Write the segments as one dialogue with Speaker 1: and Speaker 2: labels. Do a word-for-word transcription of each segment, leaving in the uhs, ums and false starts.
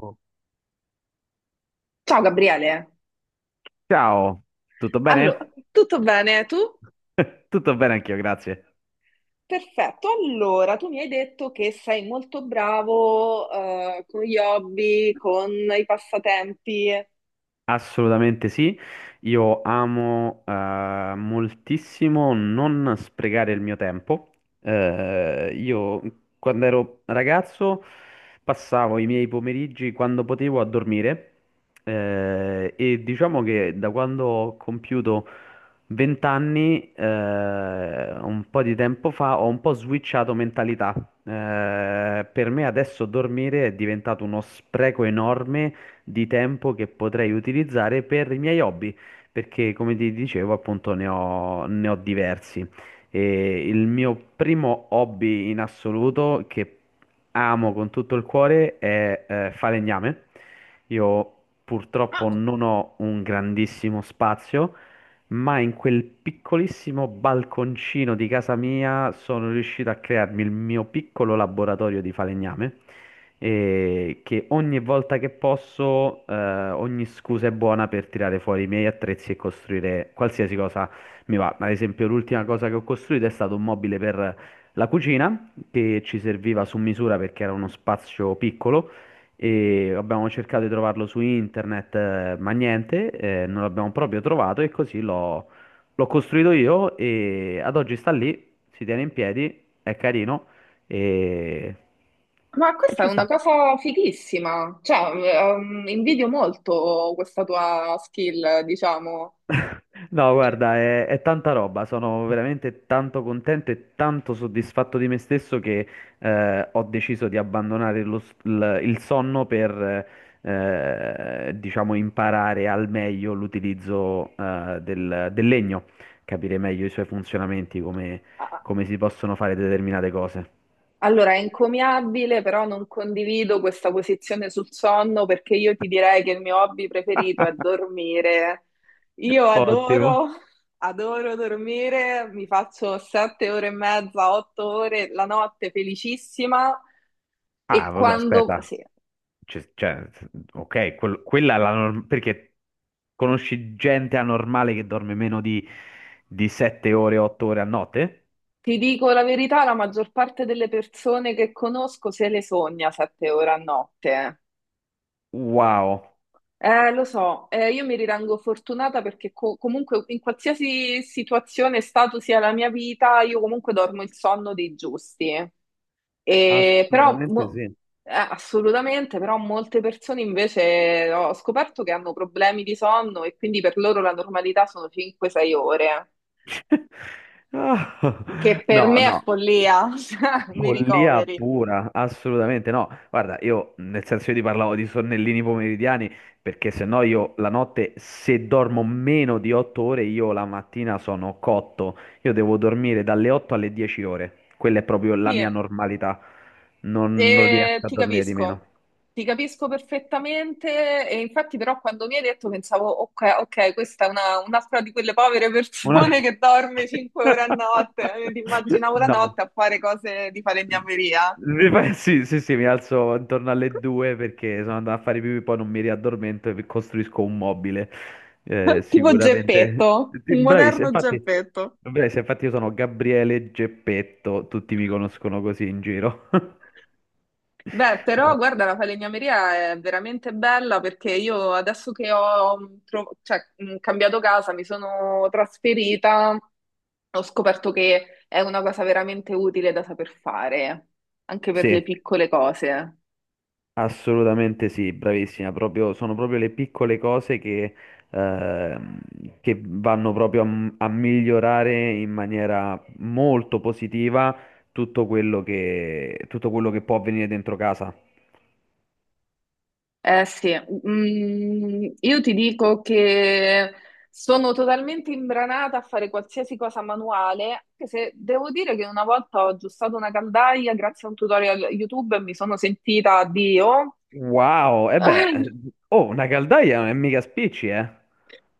Speaker 1: Oh.
Speaker 2: Ciao Gabriele,
Speaker 1: Ciao, tutto
Speaker 2: allora,
Speaker 1: bene?
Speaker 2: tutto bene? Tu?
Speaker 1: Tutto bene anch'io, grazie.
Speaker 2: Perfetto, allora tu mi hai detto che sei molto bravo eh, con gli hobby, con i passatempi.
Speaker 1: Assolutamente sì, io amo eh, moltissimo non sprecare il mio tempo. Eh, io quando ero ragazzo passavo i miei pomeriggi quando potevo a dormire eh, e diciamo che da quando ho compiuto venti anni, eh, un po' di tempo fa, ho un po' switchato mentalità. Eh, per me adesso dormire è diventato uno spreco enorme di tempo che potrei utilizzare per i miei hobby, perché come ti dicevo, appunto, ne ho, ne ho diversi. E il mio primo hobby in assoluto che amo con tutto il cuore è eh, falegname. Io
Speaker 2: Ah,
Speaker 1: purtroppo non ho un grandissimo spazio, ma in quel piccolissimo balconcino di casa mia sono riuscito a crearmi il mio piccolo laboratorio di falegname e che ogni volta che posso, eh, ogni scusa è buona per tirare fuori i miei attrezzi e costruire qualsiasi cosa mi va. Ad esempio, l'ultima cosa che ho costruito è stato un mobile per la cucina che ci serviva su misura perché era uno spazio piccolo. E abbiamo cercato di trovarlo su internet, eh, ma niente, eh, non l'abbiamo proprio trovato e così l'ho l'ho costruito io e ad oggi sta lì, si tiene in piedi, è carino e,
Speaker 2: ma
Speaker 1: e
Speaker 2: questa è
Speaker 1: ci
Speaker 2: una
Speaker 1: sta.
Speaker 2: cosa fighissima, cioè ehm, invidio molto questa tua skill, diciamo.
Speaker 1: No, guarda, è, è tanta roba, sono veramente tanto contento e tanto soddisfatto di me stesso che eh, ho deciso di abbandonare lo s- il, il sonno per, eh, diciamo, imparare al meglio l'utilizzo eh, del, del legno, capire meglio i suoi funzionamenti, come,
Speaker 2: Ah.
Speaker 1: come si possono fare determinate cose.
Speaker 2: Allora, è encomiabile, però non condivido questa posizione sul sonno perché io ti direi che il mio hobby preferito è dormire. Io
Speaker 1: Ottimo.
Speaker 2: adoro, adoro dormire, mi faccio sette ore e mezza, otto ore la notte felicissima
Speaker 1: Ah,
Speaker 2: e
Speaker 1: vabbè,
Speaker 2: quando,
Speaker 1: aspetta.
Speaker 2: sì,
Speaker 1: Cioè, cioè, ok, quel- quella è la norma, perché conosci gente anormale che dorme meno di, di sette ore, otto ore a notte?
Speaker 2: ti dico la verità, la maggior parte delle persone che conosco se le sogna sette ore a notte.
Speaker 1: Wow,
Speaker 2: Eh, lo so, eh, io mi ritengo fortunata perché co- comunque in qualsiasi situazione, e stato sia la mia vita, io comunque dormo il sonno dei giusti. E però,
Speaker 1: assolutamente
Speaker 2: mo-
Speaker 1: sì.
Speaker 2: Eh, assolutamente, però molte persone invece ho scoperto che hanno problemi di sonno e quindi per loro la normalità sono cinque sei ore,
Speaker 1: Ah,
Speaker 2: che per
Speaker 1: no,
Speaker 2: me è
Speaker 1: no.
Speaker 2: follia. Cioè, mi
Speaker 1: Follia
Speaker 2: ricoveri.
Speaker 1: pura, assolutamente no. Guarda, io nel senso io ti parlavo di sonnellini pomeridiani perché se no io la notte se dormo meno di otto ore io la mattina sono cotto. Io devo dormire dalle otto alle dieci ore. Quella è proprio la
Speaker 2: Sì,
Speaker 1: mia normalità. Non, non
Speaker 2: e
Speaker 1: riesco a
Speaker 2: ti
Speaker 1: dormire di meno.
Speaker 2: capisco, ti capisco perfettamente e infatti però quando mi hai detto pensavo, ok, ok, questa è una, un'altra di quelle povere
Speaker 1: Una-
Speaker 2: persone che dorme cinque ore a notte, eh, ti immaginavo la
Speaker 1: No,
Speaker 2: notte a fare cose di falegnameria.
Speaker 1: mi fa- Sì, sì, sì, mi alzo intorno alle due perché sono andato a fare pipì, poi non mi riaddormento e costruisco un mobile. Eh,
Speaker 2: Tipo
Speaker 1: sicuramente.
Speaker 2: Geppetto,
Speaker 1: Sì,
Speaker 2: un
Speaker 1: bravissimo,
Speaker 2: moderno
Speaker 1: infatti,
Speaker 2: Geppetto.
Speaker 1: bravissimo, infatti io sono Gabriele Geppetto, tutti mi conoscono così in giro.
Speaker 2: Beh, però
Speaker 1: No,
Speaker 2: guarda, la falegnameria è veramente bella perché io adesso che ho mm, tro- cioè, mh, cambiato casa, mi sono trasferita, ho scoperto che è una cosa veramente utile da saper fare, anche per
Speaker 1: sì.
Speaker 2: le piccole cose.
Speaker 1: Assolutamente sì, bravissima, proprio, sono proprio le piccole cose che, ehm, che vanno proprio a, m- a migliorare in maniera molto positiva tutto quello che, tutto quello che può avvenire dentro casa.
Speaker 2: Eh sì, mm, io ti dico che sono totalmente imbranata a fare qualsiasi cosa manuale, anche se devo dire che una volta ho aggiustato una caldaia grazie a un tutorial YouTube e mi sono sentita Dio.
Speaker 1: Wow, e beh, oh, una caldaia non è mica spicci, eh?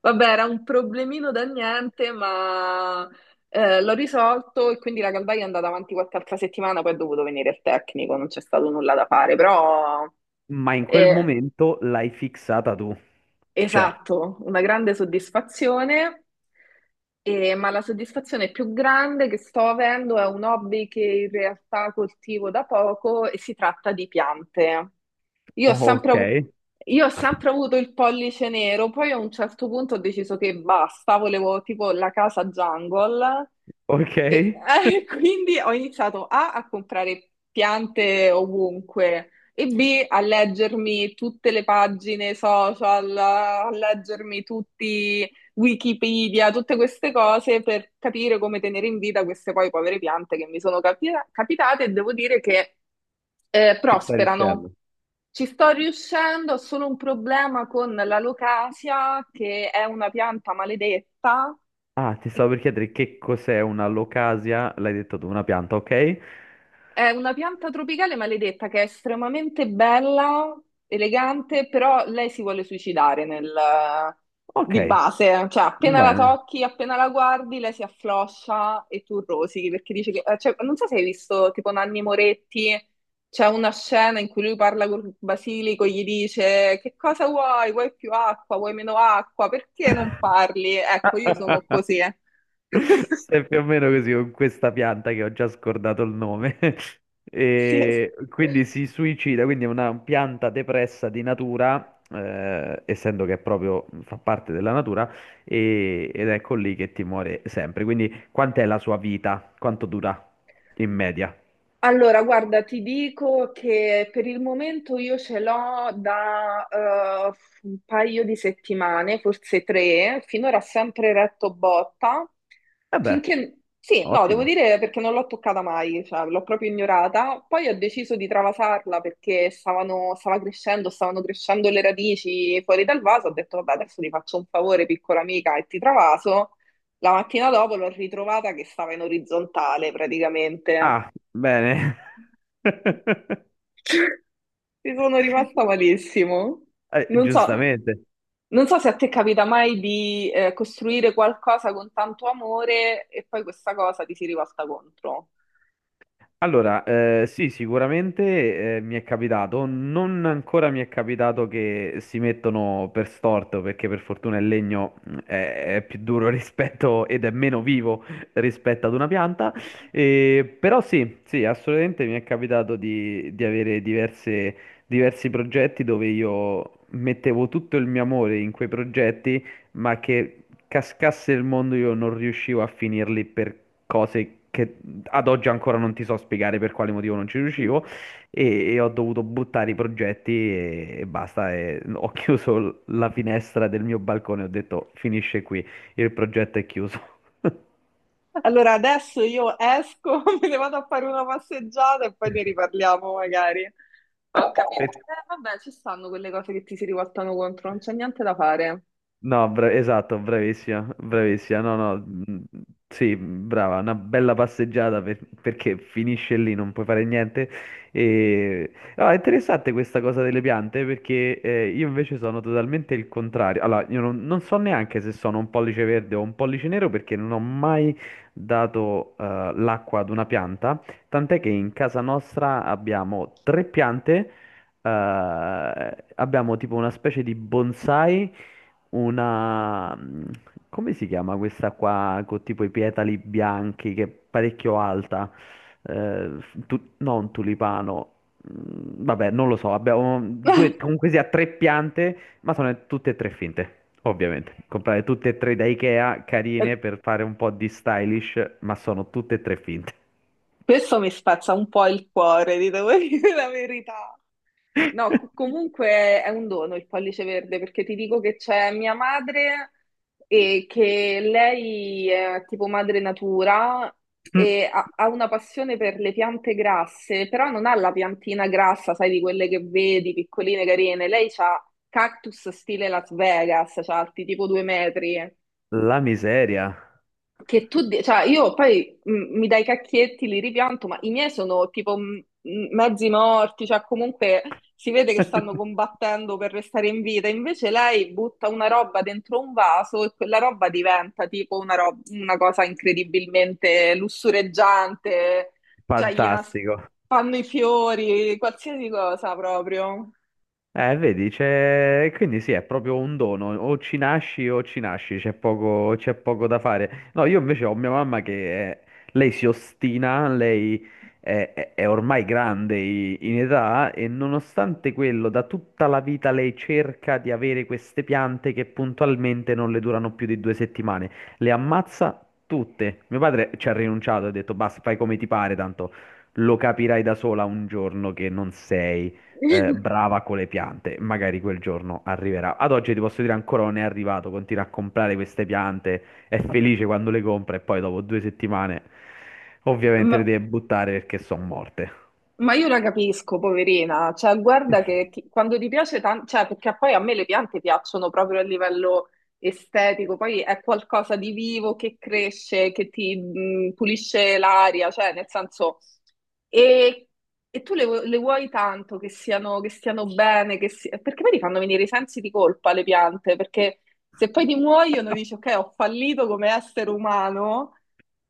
Speaker 2: Vabbè, era un problemino da niente, ma eh, l'ho risolto e quindi la caldaia è andata avanti qualche altra settimana, poi è dovuto venire il tecnico, non c'è stato nulla da fare, però.
Speaker 1: Ma in quel
Speaker 2: eh,
Speaker 1: momento l'hai fissata tu. Cioè,
Speaker 2: Esatto, una grande soddisfazione. E- ma la soddisfazione più grande che sto avendo è un hobby che in realtà coltivo da poco e si tratta di piante. Io ho sempre,
Speaker 1: ok,
Speaker 2: avu- io ho sempre avuto il pollice nero, poi a un certo punto ho deciso che basta, volevo tipo la casa jungle
Speaker 1: ok,
Speaker 2: e eh, quindi ho iniziato A a comprare piante ovunque e B a leggermi tutte le pagine social, a leggermi tutti Wikipedia, tutte queste cose per capire come tenere in vita queste poi povere piante che mi sono capi- capitate e devo dire che eh,
Speaker 1: ci stai
Speaker 2: prosperano.
Speaker 1: riuscendo.
Speaker 2: Ci sto riuscendo, ho solo un problema con la locasia, che è una pianta maledetta.
Speaker 1: Ah, ti stavo per chiedere che cos'è una locasia, l'hai detto tu, una pianta, ok?
Speaker 2: È una pianta tropicale maledetta che è estremamente bella, elegante, però lei si vuole suicidare nel-
Speaker 1: Ok,
Speaker 2: di base, cioè appena la
Speaker 1: bene.
Speaker 2: tocchi, appena la guardi, lei si affloscia e tu rosichi perché dice che, eh, cioè, non so se hai visto tipo Nanni Moretti, c'è una scena in cui lui parla con Basilico, gli dice che cosa vuoi? Vuoi più acqua? Vuoi meno acqua? Perché non parli? Ecco, io sono così.
Speaker 1: È più o meno così con questa pianta che ho già scordato il nome.
Speaker 2: Sì, es-
Speaker 1: E quindi si suicida, quindi è una pianta depressa di natura, eh, essendo che è proprio fa parte della natura, e- ed ecco lì che ti muore sempre. Quindi quant'è la sua vita? Quanto dura in media?
Speaker 2: Allora, guarda, ti dico che per il momento io ce l'ho da eh, un paio di settimane, forse tre, finora sempre retto botta,
Speaker 1: Vabbè,
Speaker 2: finché, sì, no, devo
Speaker 1: ottimo.
Speaker 2: dire perché non l'ho toccata mai, cioè l'ho proprio ignorata, poi ho deciso di travasarla perché stavano, stava crescendo, stavano crescendo le radici fuori dal vaso, ho detto vabbè adesso ti faccio un favore piccola amica e ti travaso, la mattina dopo l'ho ritrovata che stava in orizzontale praticamente.
Speaker 1: Ah, bene.
Speaker 2: Ci sono rimasta malissimo.
Speaker 1: Eh,
Speaker 2: Non so,
Speaker 1: giustamente.
Speaker 2: non so se a te capita mai di eh, costruire qualcosa con tanto amore e poi questa cosa ti si rivolta contro.
Speaker 1: Allora, eh, sì, sicuramente eh, mi è capitato, non ancora mi è capitato che si mettono per storto, perché per fortuna il legno mh, è, è più duro rispetto ed è meno vivo rispetto ad una pianta. Eh, però sì, sì, assolutamente mi è capitato di, di avere diverse- diversi progetti dove io mettevo tutto il mio amore in quei progetti, ma che cascasse il mondo io non riuscivo a finirli per cose che ad oggi ancora non ti so spiegare per quale motivo non ci riuscivo e, e ho dovuto buttare i progetti e, e basta. E ho chiuso l- la finestra del mio balcone, ho detto finisce qui, il progetto è chiuso.
Speaker 2: Allora adesso io esco, me ne vado a fare una passeggiata e poi ne riparliamo magari. Ho capito.
Speaker 1: Per
Speaker 2: Eh, vabbè, ci stanno quelle cose che ti si rivoltano contro, non c'è niente da fare.
Speaker 1: no, bra- esatto, bravissima, bravissima. No, no, mm, sì, brava, una bella passeggiata per- perché finisce lì, non puoi fare niente. E... no, è interessante questa cosa delle piante perché eh, io invece sono totalmente il contrario. Allora, io non, non so neanche se sono un pollice verde o un pollice nero perché non ho mai dato eh, l'acqua ad una pianta, tant'è che in casa nostra abbiamo tre piante. Eh, abbiamo tipo una specie di bonsai una... mh, come si chiama questa qua con tipo i petali bianchi che è parecchio alta? Eh, tu- no, un tulipano. Mm, Vabbè, non lo so, abbiamo due, comunque sia tre piante, ma sono tutte e tre finte, ovviamente. Comprare tutte e tre da Ikea, carine per fare un po' di stylish, ma sono tutte e tre finte.
Speaker 2: Questo mi spezza un po' il cuore, ti devo dire la verità. No, co- comunque è un dono il pollice verde perché ti dico che c'è mia madre e che lei è tipo madre natura e ha, ha una passione per le piante grasse, però non ha la piantina grassa, sai, di quelle che vedi, piccoline, carine. Lei ha cactus stile Las Vegas, cioè alti tipo due metri
Speaker 1: La miseria.
Speaker 2: che tu, di- cioè io poi mh, mi dai i cacchietti, li ripianto, ma i miei sono tipo mh, mh, mezzi morti, cioè comunque si vede che stanno combattendo per restare in vita. Invece lei butta una roba dentro un vaso e quella roba diventa tipo una, rob- una cosa incredibilmente lussureggiante, cioè gli nas-
Speaker 1: Fantastico.
Speaker 2: fanno i fiori, qualsiasi cosa proprio.
Speaker 1: Eh, vedi, c'è... quindi sì, è proprio un dono, o ci nasci o ci nasci, c'è poco, c'è poco da fare. No, io invece ho mia mamma che eh, lei si ostina, lei è, è- è ormai grande i- in età e nonostante quello, da tutta la vita lei cerca di avere queste piante che puntualmente non le durano più di due settimane, le ammazza tutte. Mio padre ci ha rinunciato, ha detto basta, fai come ti pare, tanto lo capirai da sola un giorno che non sei eh, brava con le piante, magari quel giorno arriverà. Ad oggi ti posso dire ancora non è arrivato, continua a comprare queste piante, è felice quando le compra e poi dopo due settimane ovviamente
Speaker 2: Ma
Speaker 1: le deve buttare perché sono morte.
Speaker 2: Ma io la capisco, poverina, cioè guarda che ti- quando ti piace tanto, cioè perché poi a me le piante piacciono proprio a livello estetico, poi è qualcosa di vivo che cresce, che ti mh, pulisce l'aria, cioè nel senso, e, e tu le, vu- le vuoi tanto che siano, che stiano bene, che si- perché poi ti fanno venire i sensi di colpa le piante, perché se poi ti muoiono dici ok, ho fallito come essere umano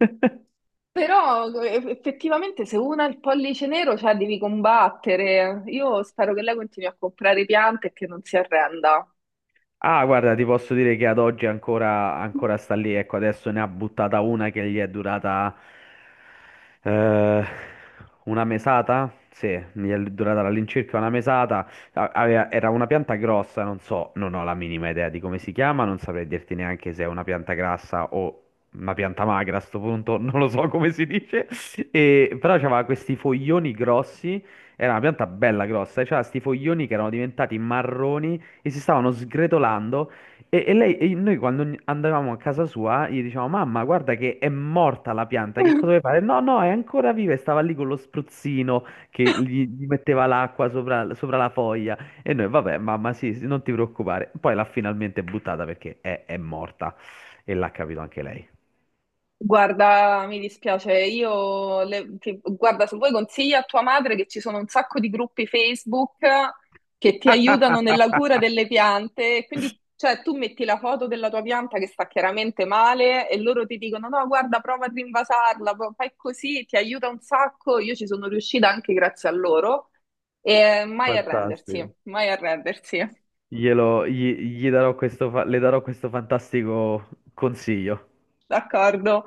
Speaker 2: però eh, effettivamente se una ha il pollice nero, cioè devi combattere. Io spero che lei continui a comprare piante e che non si arrenda.
Speaker 1: Ah, guarda, ti posso dire che ad oggi ancora, ancora sta lì. Ecco, adesso ne ha buttata una che gli è durata eh, una mesata. Sì, gli è durata all'incirca una mesata. A- aveva- era una pianta grossa, non so, non ho la minima idea di come si chiama, non saprei dirti neanche se è una pianta grassa o una pianta magra a sto punto, non lo so come si dice. E, però aveva questi foglioni grossi, era una pianta bella grossa, e c'aveva questi foglioni che erano diventati marroni e si stavano sgretolando e, e lei, e noi quando ogni- andavamo a casa sua gli dicevamo mamma guarda che è morta la pianta, che cosa vuoi fare? No no è ancora viva e stava lì con lo spruzzino che gli, gli metteva l'acqua sopra, sopra la foglia e noi vabbè mamma sì, sì, non ti preoccupare poi l'ha finalmente buttata perché è, è morta e l'ha capito anche lei.
Speaker 2: Guarda, mi dispiace, io le- ti- guarda, se vuoi consiglia a tua madre che ci sono un sacco di gruppi Facebook che ti aiutano nella cura delle piante, e quindi cioè tu metti la foto della tua pianta che sta chiaramente male e loro ti dicono no, guarda, prova a rinvasarla, pro- fai così, ti aiuta un sacco, io ci sono riuscita anche grazie a loro e mai arrendersi,
Speaker 1: Fantastico,
Speaker 2: mai arrendersi.
Speaker 1: glielo gli, gli darò questo fa- le darò questo fantastico consiglio.
Speaker 2: D'accordo.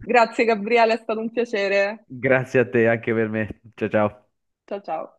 Speaker 2: Grazie Gabriele, è stato un piacere.
Speaker 1: Grazie a te, anche per me, ciao ciao.
Speaker 2: Ciao ciao.